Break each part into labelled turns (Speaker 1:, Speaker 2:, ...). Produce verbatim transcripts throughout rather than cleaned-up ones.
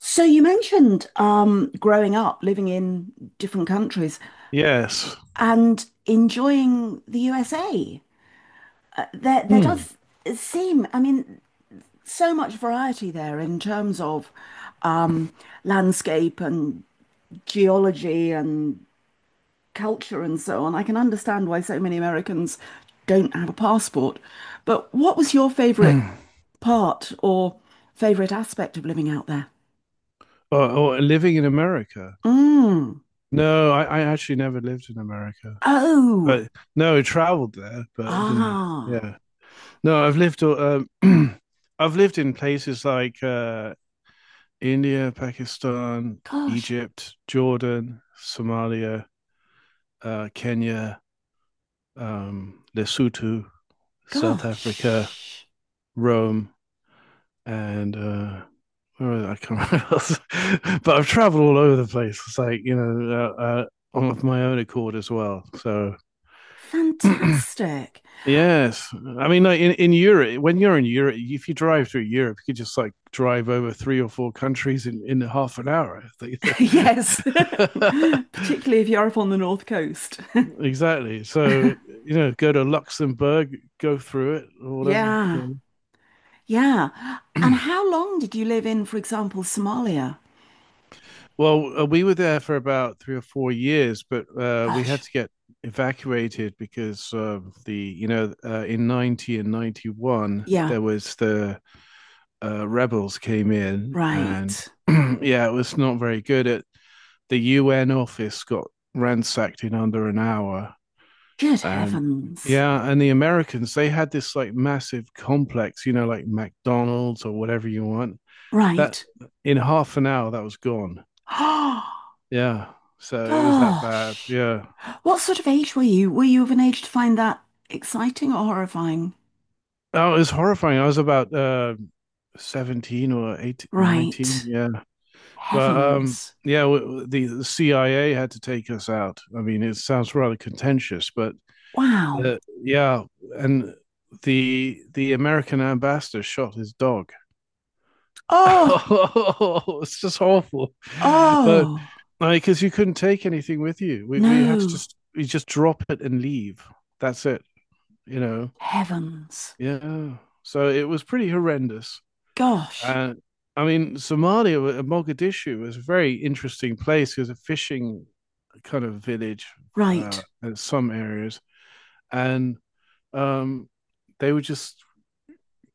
Speaker 1: So you mentioned um, growing up, living in different countries,
Speaker 2: Yes.
Speaker 1: and enjoying the U S A. There, there
Speaker 2: Hmm.
Speaker 1: does seem, I mean, so much variety there in terms of um, landscape and geology and culture and so on. I can understand why so many Americans don't have a passport. But what was your favorite
Speaker 2: or,
Speaker 1: part or favorite aspect of living out there?
Speaker 2: or living in America.
Speaker 1: Mm.
Speaker 2: No, I, I actually never lived in America,
Speaker 1: Oh,
Speaker 2: but no, I traveled there, but I didn't.
Speaker 1: ah.
Speaker 2: Yeah. No, I've lived. Um, I've lived in places like uh, India, Pakistan,
Speaker 1: Gosh,
Speaker 2: Egypt, Jordan, Somalia, uh, Kenya, um, Lesotho, South Africa,
Speaker 1: gosh.
Speaker 2: Rome, and uh, where was it? I can't remember. else. But I've traveled all over the place. It's like you know, uh, uh, of my own accord as well. So
Speaker 1: Fantastic.
Speaker 2: yes, I mean, like in in Europe, when you're in Europe, if you drive through Europe, you could just like drive over three or four countries in in half an hour.
Speaker 1: Yes, particularly if you're up on the North Coast.
Speaker 2: Exactly. So, you know, go to Luxembourg, go through it or whatever.
Speaker 1: Yeah, yeah. And how long did you live in, for example, Somalia?
Speaker 2: Well, uh, we were there for about three or four years, but uh, we had
Speaker 1: Gosh,
Speaker 2: to get evacuated because of the, you know, uh, in ninety and ninety-one,
Speaker 1: yeah,
Speaker 2: there was the uh, rebels came in, and
Speaker 1: right.
Speaker 2: yeah, it was not very good. It, the U N office got ransacked in under an hour,
Speaker 1: Good
Speaker 2: and
Speaker 1: heavens.
Speaker 2: yeah, and the Americans, they had this like massive complex, you know, like McDonald's or whatever you want. That
Speaker 1: Right.
Speaker 2: In half an hour, that was gone.
Speaker 1: Oh,
Speaker 2: Yeah. So it was that bad.
Speaker 1: gosh.
Speaker 2: Yeah.
Speaker 1: What sort of age were you? Were you of an age to find that exciting or horrifying?
Speaker 2: Oh, it was horrifying. I was about uh seventeen or eighteen, nineteen.
Speaker 1: Right.
Speaker 2: Yeah. But um
Speaker 1: Heavens.
Speaker 2: yeah, w- w- the, the C I A had to take us out. I mean, it sounds rather contentious, but uh,
Speaker 1: Wow.
Speaker 2: yeah, and the the American ambassador shot his dog.
Speaker 1: Oh,
Speaker 2: Oh, it's just awful. But
Speaker 1: oh.
Speaker 2: like, because you couldn't take anything with you, we we had to
Speaker 1: No.
Speaker 2: just we just drop it and leave. That's it, you know.
Speaker 1: Heavens.
Speaker 2: Yeah. So it was pretty horrendous.
Speaker 1: Gosh.
Speaker 2: Uh, I mean, Somalia, uh, Mogadishu was a very interesting place. It was a fishing kind of village uh,
Speaker 1: Right.
Speaker 2: in some areas. And um, they were just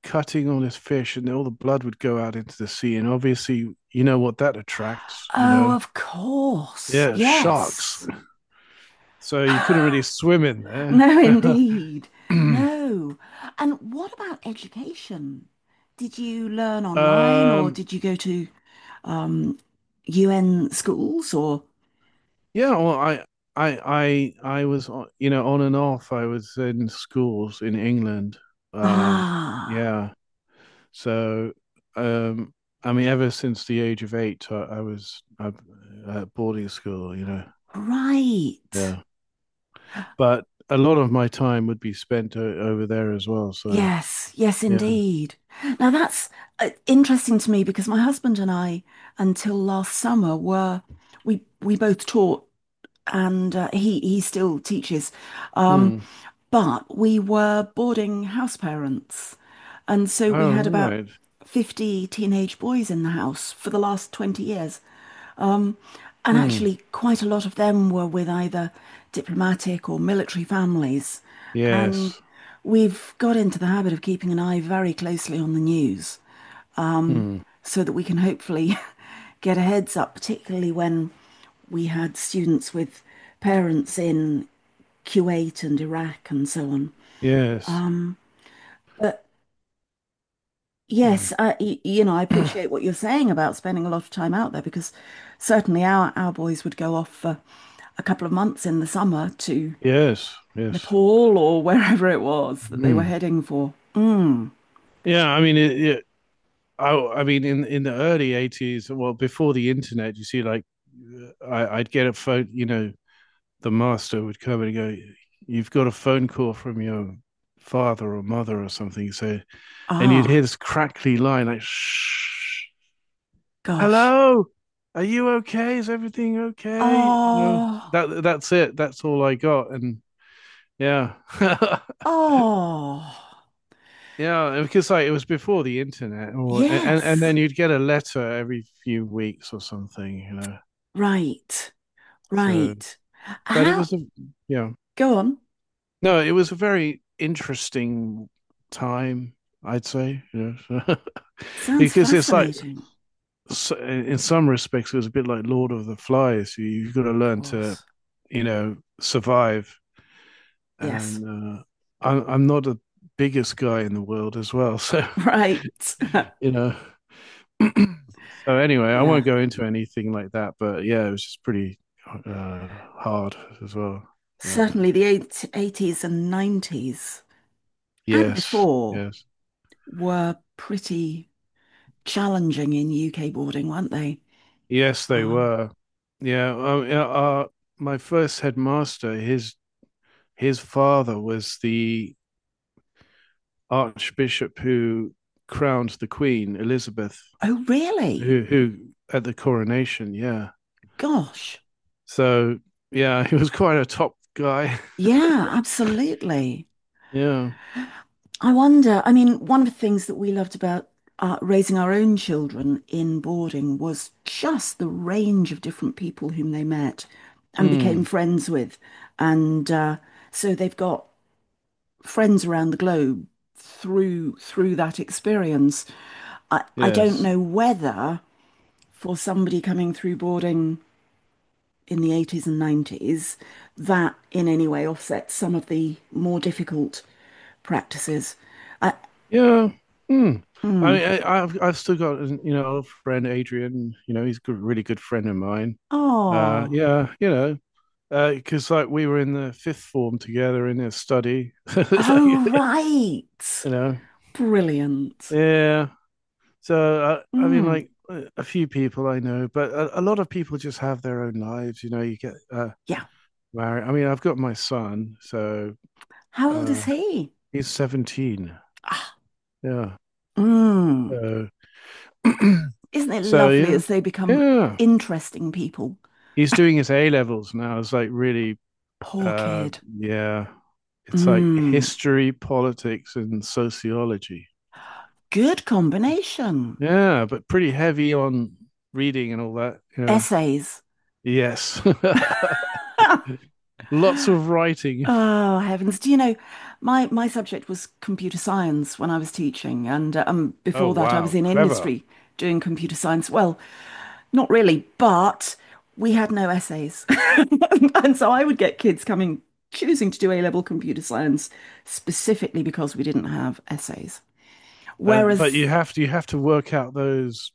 Speaker 2: cutting all this fish, and all the blood would go out into the sea. And obviously, you know what that attracts, you
Speaker 1: Oh,
Speaker 2: know?
Speaker 1: of course.
Speaker 2: Yeah, sharks.
Speaker 1: Yes.
Speaker 2: So you couldn't really swim in there.
Speaker 1: No, indeed. No. And what about education? Did you learn online or
Speaker 2: um,
Speaker 1: did you go to um, U N schools or?
Speaker 2: Yeah, well, I, I, I, I was, on- you know, on and off. I was in schools in England. Um,
Speaker 1: Ah,
Speaker 2: yeah. So, um, I mean, ever since the age of eight, I, I was I, at boarding school. You know,
Speaker 1: right.
Speaker 2: yeah. But a lot of my time would be spent o over there as well. So,
Speaker 1: Yes, yes,
Speaker 2: yeah.
Speaker 1: indeed. Now that's uh, interesting to me because my husband and I, until last summer, were we we both taught, and uh, he he still teaches, um,
Speaker 2: Hmm.
Speaker 1: but we were boarding house parents, and so we
Speaker 2: Oh,
Speaker 1: had about
Speaker 2: right.
Speaker 1: fifty teenage boys in the house for the last twenty years. And
Speaker 2: Hmm.
Speaker 1: actually, quite a lot of them were with either diplomatic or military families. And
Speaker 2: Yes.
Speaker 1: we've got into the habit of keeping an eye very closely on the news
Speaker 2: Hmm.
Speaker 1: so that we can hopefully get a heads up, particularly when we had students with parents in Kuwait and Iraq and so on.
Speaker 2: Yes.
Speaker 1: But
Speaker 2: Hmm.
Speaker 1: yes, I, y- you know, I appreciate what you're saying about spending a lot of time out there because certainly our, our boys would go off for a couple of months in the summer to
Speaker 2: Yes. Yes.
Speaker 1: Nepal or wherever it was that they were
Speaker 2: Hmm.
Speaker 1: heading for. Mm.
Speaker 2: Yeah, I mean, it, yeah, I I mean, in in the early eighties, well, before the internet, you see, like, I, I'd get a phone. You know, the master would come and go, "You've got a phone call from your father or mother or something." So, and you'd hear
Speaker 1: Ah,
Speaker 2: this crackly line like, "Shh,
Speaker 1: gosh.
Speaker 2: hello, are you okay? Is everything okay?" You know,
Speaker 1: Oh,
Speaker 2: that that's it. That's all I got, and. Yeah.
Speaker 1: oh.
Speaker 2: Yeah, because like it was before the internet, or and and
Speaker 1: Yes.
Speaker 2: then you'd get a letter every few weeks or something, you know.
Speaker 1: Right,
Speaker 2: So,
Speaker 1: right.
Speaker 2: but it
Speaker 1: How?
Speaker 2: was a yeah.
Speaker 1: Go on.
Speaker 2: No, it was a very interesting time, I'd say. You know,
Speaker 1: Sounds
Speaker 2: because it's like
Speaker 1: fascinating.
Speaker 2: so- in some respects it was a bit like Lord of the Flies. You- You've got to
Speaker 1: Of
Speaker 2: learn to,
Speaker 1: course.
Speaker 2: you know, survive.
Speaker 1: Yes.
Speaker 2: And uh, I'm I'm not the biggest guy in the world as well, so
Speaker 1: Right.
Speaker 2: you know. So anyway, I won't
Speaker 1: Yeah.
Speaker 2: go into anything like that, but yeah, it was just pretty uh, hard as well. But
Speaker 1: Certainly the eighties and nineties and
Speaker 2: yes,
Speaker 1: before
Speaker 2: yes,
Speaker 1: were pretty challenging in U K boarding, weren't they?
Speaker 2: yes, they
Speaker 1: Um,
Speaker 2: were. Yeah, uh, yeah, uh, My first headmaster, his his father was the archbishop who crowned the Queen Elizabeth,
Speaker 1: oh, really?
Speaker 2: who who at the coronation. Yeah,
Speaker 1: Gosh.
Speaker 2: so yeah, he was quite a top guy.
Speaker 1: Yeah, absolutely.
Speaker 2: Yeah.
Speaker 1: I wonder, I mean, one of the things that we loved about uh, raising our own children in boarding was just the range of different people whom they met and became
Speaker 2: Hmm.
Speaker 1: friends with. And uh, so they've got friends around the globe through through that experience. I, I don't
Speaker 2: Yes.
Speaker 1: know whether for somebody coming through boarding in the eighties and nineties, that in any way offsets some of the more difficult practices. I,
Speaker 2: Yeah. Hmm. I mean, I, I've I've still got you know a friend Adrian. You know, he's a good, really good friend of mine. Uh,
Speaker 1: oh,
Speaker 2: yeah, you know, because uh, like we were in the fifth form together in a study, like you
Speaker 1: oh, right.
Speaker 2: know,
Speaker 1: Brilliant.
Speaker 2: yeah. So I, I mean,
Speaker 1: Mm,
Speaker 2: like a few people I know, but a, a lot of people just have their own lives. You know, you get uh,
Speaker 1: yeah.
Speaker 2: married. I mean, I've got my son, so
Speaker 1: How old
Speaker 2: uh,
Speaker 1: is he?
Speaker 2: he's seventeen.
Speaker 1: Ah,
Speaker 2: Yeah.
Speaker 1: mm.
Speaker 2: So,
Speaker 1: Isn't it
Speaker 2: so
Speaker 1: lovely
Speaker 2: yeah,
Speaker 1: as they become
Speaker 2: yeah.
Speaker 1: interesting people?
Speaker 2: He's doing his A levels now. It's like really,
Speaker 1: Poor
Speaker 2: uh,
Speaker 1: kid.
Speaker 2: yeah. It's like
Speaker 1: Mm,
Speaker 2: history, politics, and sociology.
Speaker 1: good combination.
Speaker 2: Yeah, but pretty heavy on reading and all that, you know.
Speaker 1: Essays.
Speaker 2: Yes. Lots of writing.
Speaker 1: Oh, heavens. Do you know, my, my subject was computer science when I was teaching. And uh, um,
Speaker 2: Oh,
Speaker 1: before that, I was
Speaker 2: wow.
Speaker 1: in
Speaker 2: Clever.
Speaker 1: industry doing computer science. Well, not really, but we had no essays. And so I would get kids coming, choosing to do A-level computer science specifically because we didn't have essays.
Speaker 2: Uh, but
Speaker 1: Whereas
Speaker 2: you have to you have to work out those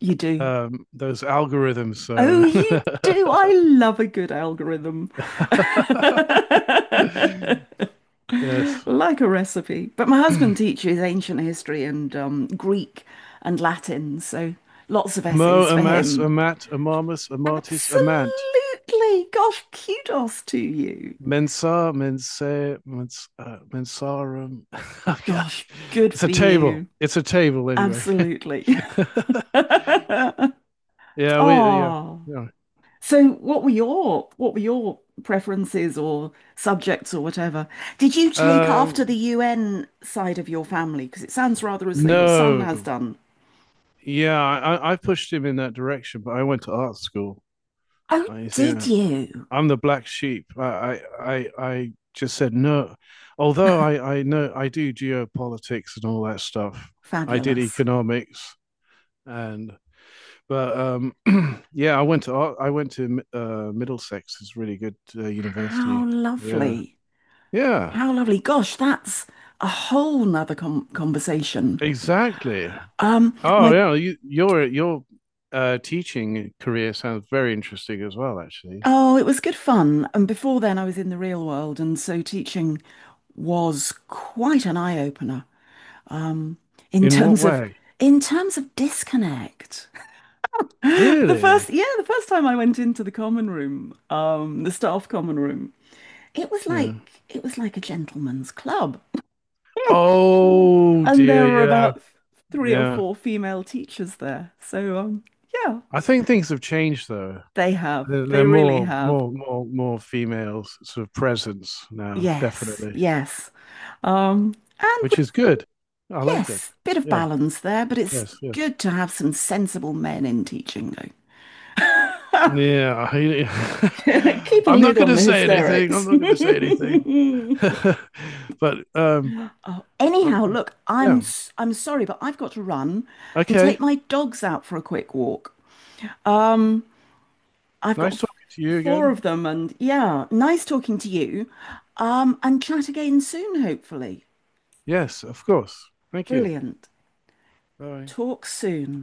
Speaker 1: you do.
Speaker 2: um those algorithms, so
Speaker 1: Oh, you do. I love a good algorithm.
Speaker 2: yes.
Speaker 1: Like a recipe. But my husband teaches ancient history and um, Greek and Latin, so lots of
Speaker 2: Amo
Speaker 1: essays for
Speaker 2: amas
Speaker 1: him.
Speaker 2: amat amamus amatis amant.
Speaker 1: Absolutely. Gosh, kudos to you.
Speaker 2: Mensa, mensa, Mensa uh, mensarum. Oh, yeah.
Speaker 1: Gosh, good
Speaker 2: It's a
Speaker 1: for
Speaker 2: table.
Speaker 1: you.
Speaker 2: It's a table anyway.
Speaker 1: Absolutely.
Speaker 2: Yeah, we yeah.
Speaker 1: Oh.
Speaker 2: Yeah.
Speaker 1: So what were your what were your preferences or subjects or whatever? Did you take after the
Speaker 2: Um
Speaker 1: U N side of your family? Because it sounds rather as though your son has
Speaker 2: no.
Speaker 1: done.
Speaker 2: Yeah, I I pushed him in that direction, but I went to art school.
Speaker 1: Oh,
Speaker 2: I
Speaker 1: did
Speaker 2: Yeah.
Speaker 1: you?
Speaker 2: I'm the black sheep. I I I, I just said no. Although I I know I do geopolitics and all that stuff. I did
Speaker 1: Fabulous.
Speaker 2: economics, and But um, yeah, I went to I went to uh, Middlesex. It's a really good uh,
Speaker 1: How
Speaker 2: university. Yeah,
Speaker 1: lovely.
Speaker 2: yeah,
Speaker 1: How lovely. Gosh, that's a whole nother com conversation.
Speaker 2: exactly.
Speaker 1: Um,
Speaker 2: Oh
Speaker 1: my
Speaker 2: yeah, you, your your uh, teaching career sounds very interesting as well. Actually,
Speaker 1: oh, it was good fun. And before then, I was in the real world, and so teaching was quite an eye opener. Um, in
Speaker 2: in what
Speaker 1: terms of
Speaker 2: way?
Speaker 1: in terms of disconnect. The
Speaker 2: Really?
Speaker 1: first, yeah, the first time I went into the common room, um, the staff common room, it was
Speaker 2: Yeah.
Speaker 1: like it was like a gentleman's club.
Speaker 2: Oh
Speaker 1: And there
Speaker 2: dear.
Speaker 1: were
Speaker 2: Yeah,
Speaker 1: about three or
Speaker 2: yeah.
Speaker 1: four female teachers there. So, um, yeah,
Speaker 2: I think things have changed though.
Speaker 1: they have.
Speaker 2: There, there are
Speaker 1: They really
Speaker 2: more
Speaker 1: have.
Speaker 2: more more more females sort of presence now,
Speaker 1: Yes,
Speaker 2: definitely,
Speaker 1: yes. Um, and
Speaker 2: which
Speaker 1: with,
Speaker 2: is good. I like it.
Speaker 1: yes, bit of
Speaker 2: Yeah.
Speaker 1: balance there, but it's
Speaker 2: Yes. Yes.
Speaker 1: good to have some sensible men in teaching, though.
Speaker 2: Yeah, he-
Speaker 1: Keep a
Speaker 2: I'm not
Speaker 1: lid
Speaker 2: going
Speaker 1: on
Speaker 2: to
Speaker 1: the
Speaker 2: say anything. I'm
Speaker 1: hysterics.
Speaker 2: not going to say anything. But um,
Speaker 1: Oh,
Speaker 2: uh,
Speaker 1: anyhow, look, I'm
Speaker 2: yeah.
Speaker 1: s- I'm sorry, but I've got to run and
Speaker 2: Okay.
Speaker 1: take my dogs out for a quick walk. Um, I've got
Speaker 2: Nice
Speaker 1: f-
Speaker 2: talking to you
Speaker 1: four
Speaker 2: again.
Speaker 1: of them, and yeah, nice talking to you. Um, and chat again soon, hopefully.
Speaker 2: Yes, of course. Thank you.
Speaker 1: Brilliant.
Speaker 2: Bye.
Speaker 1: Talk soon.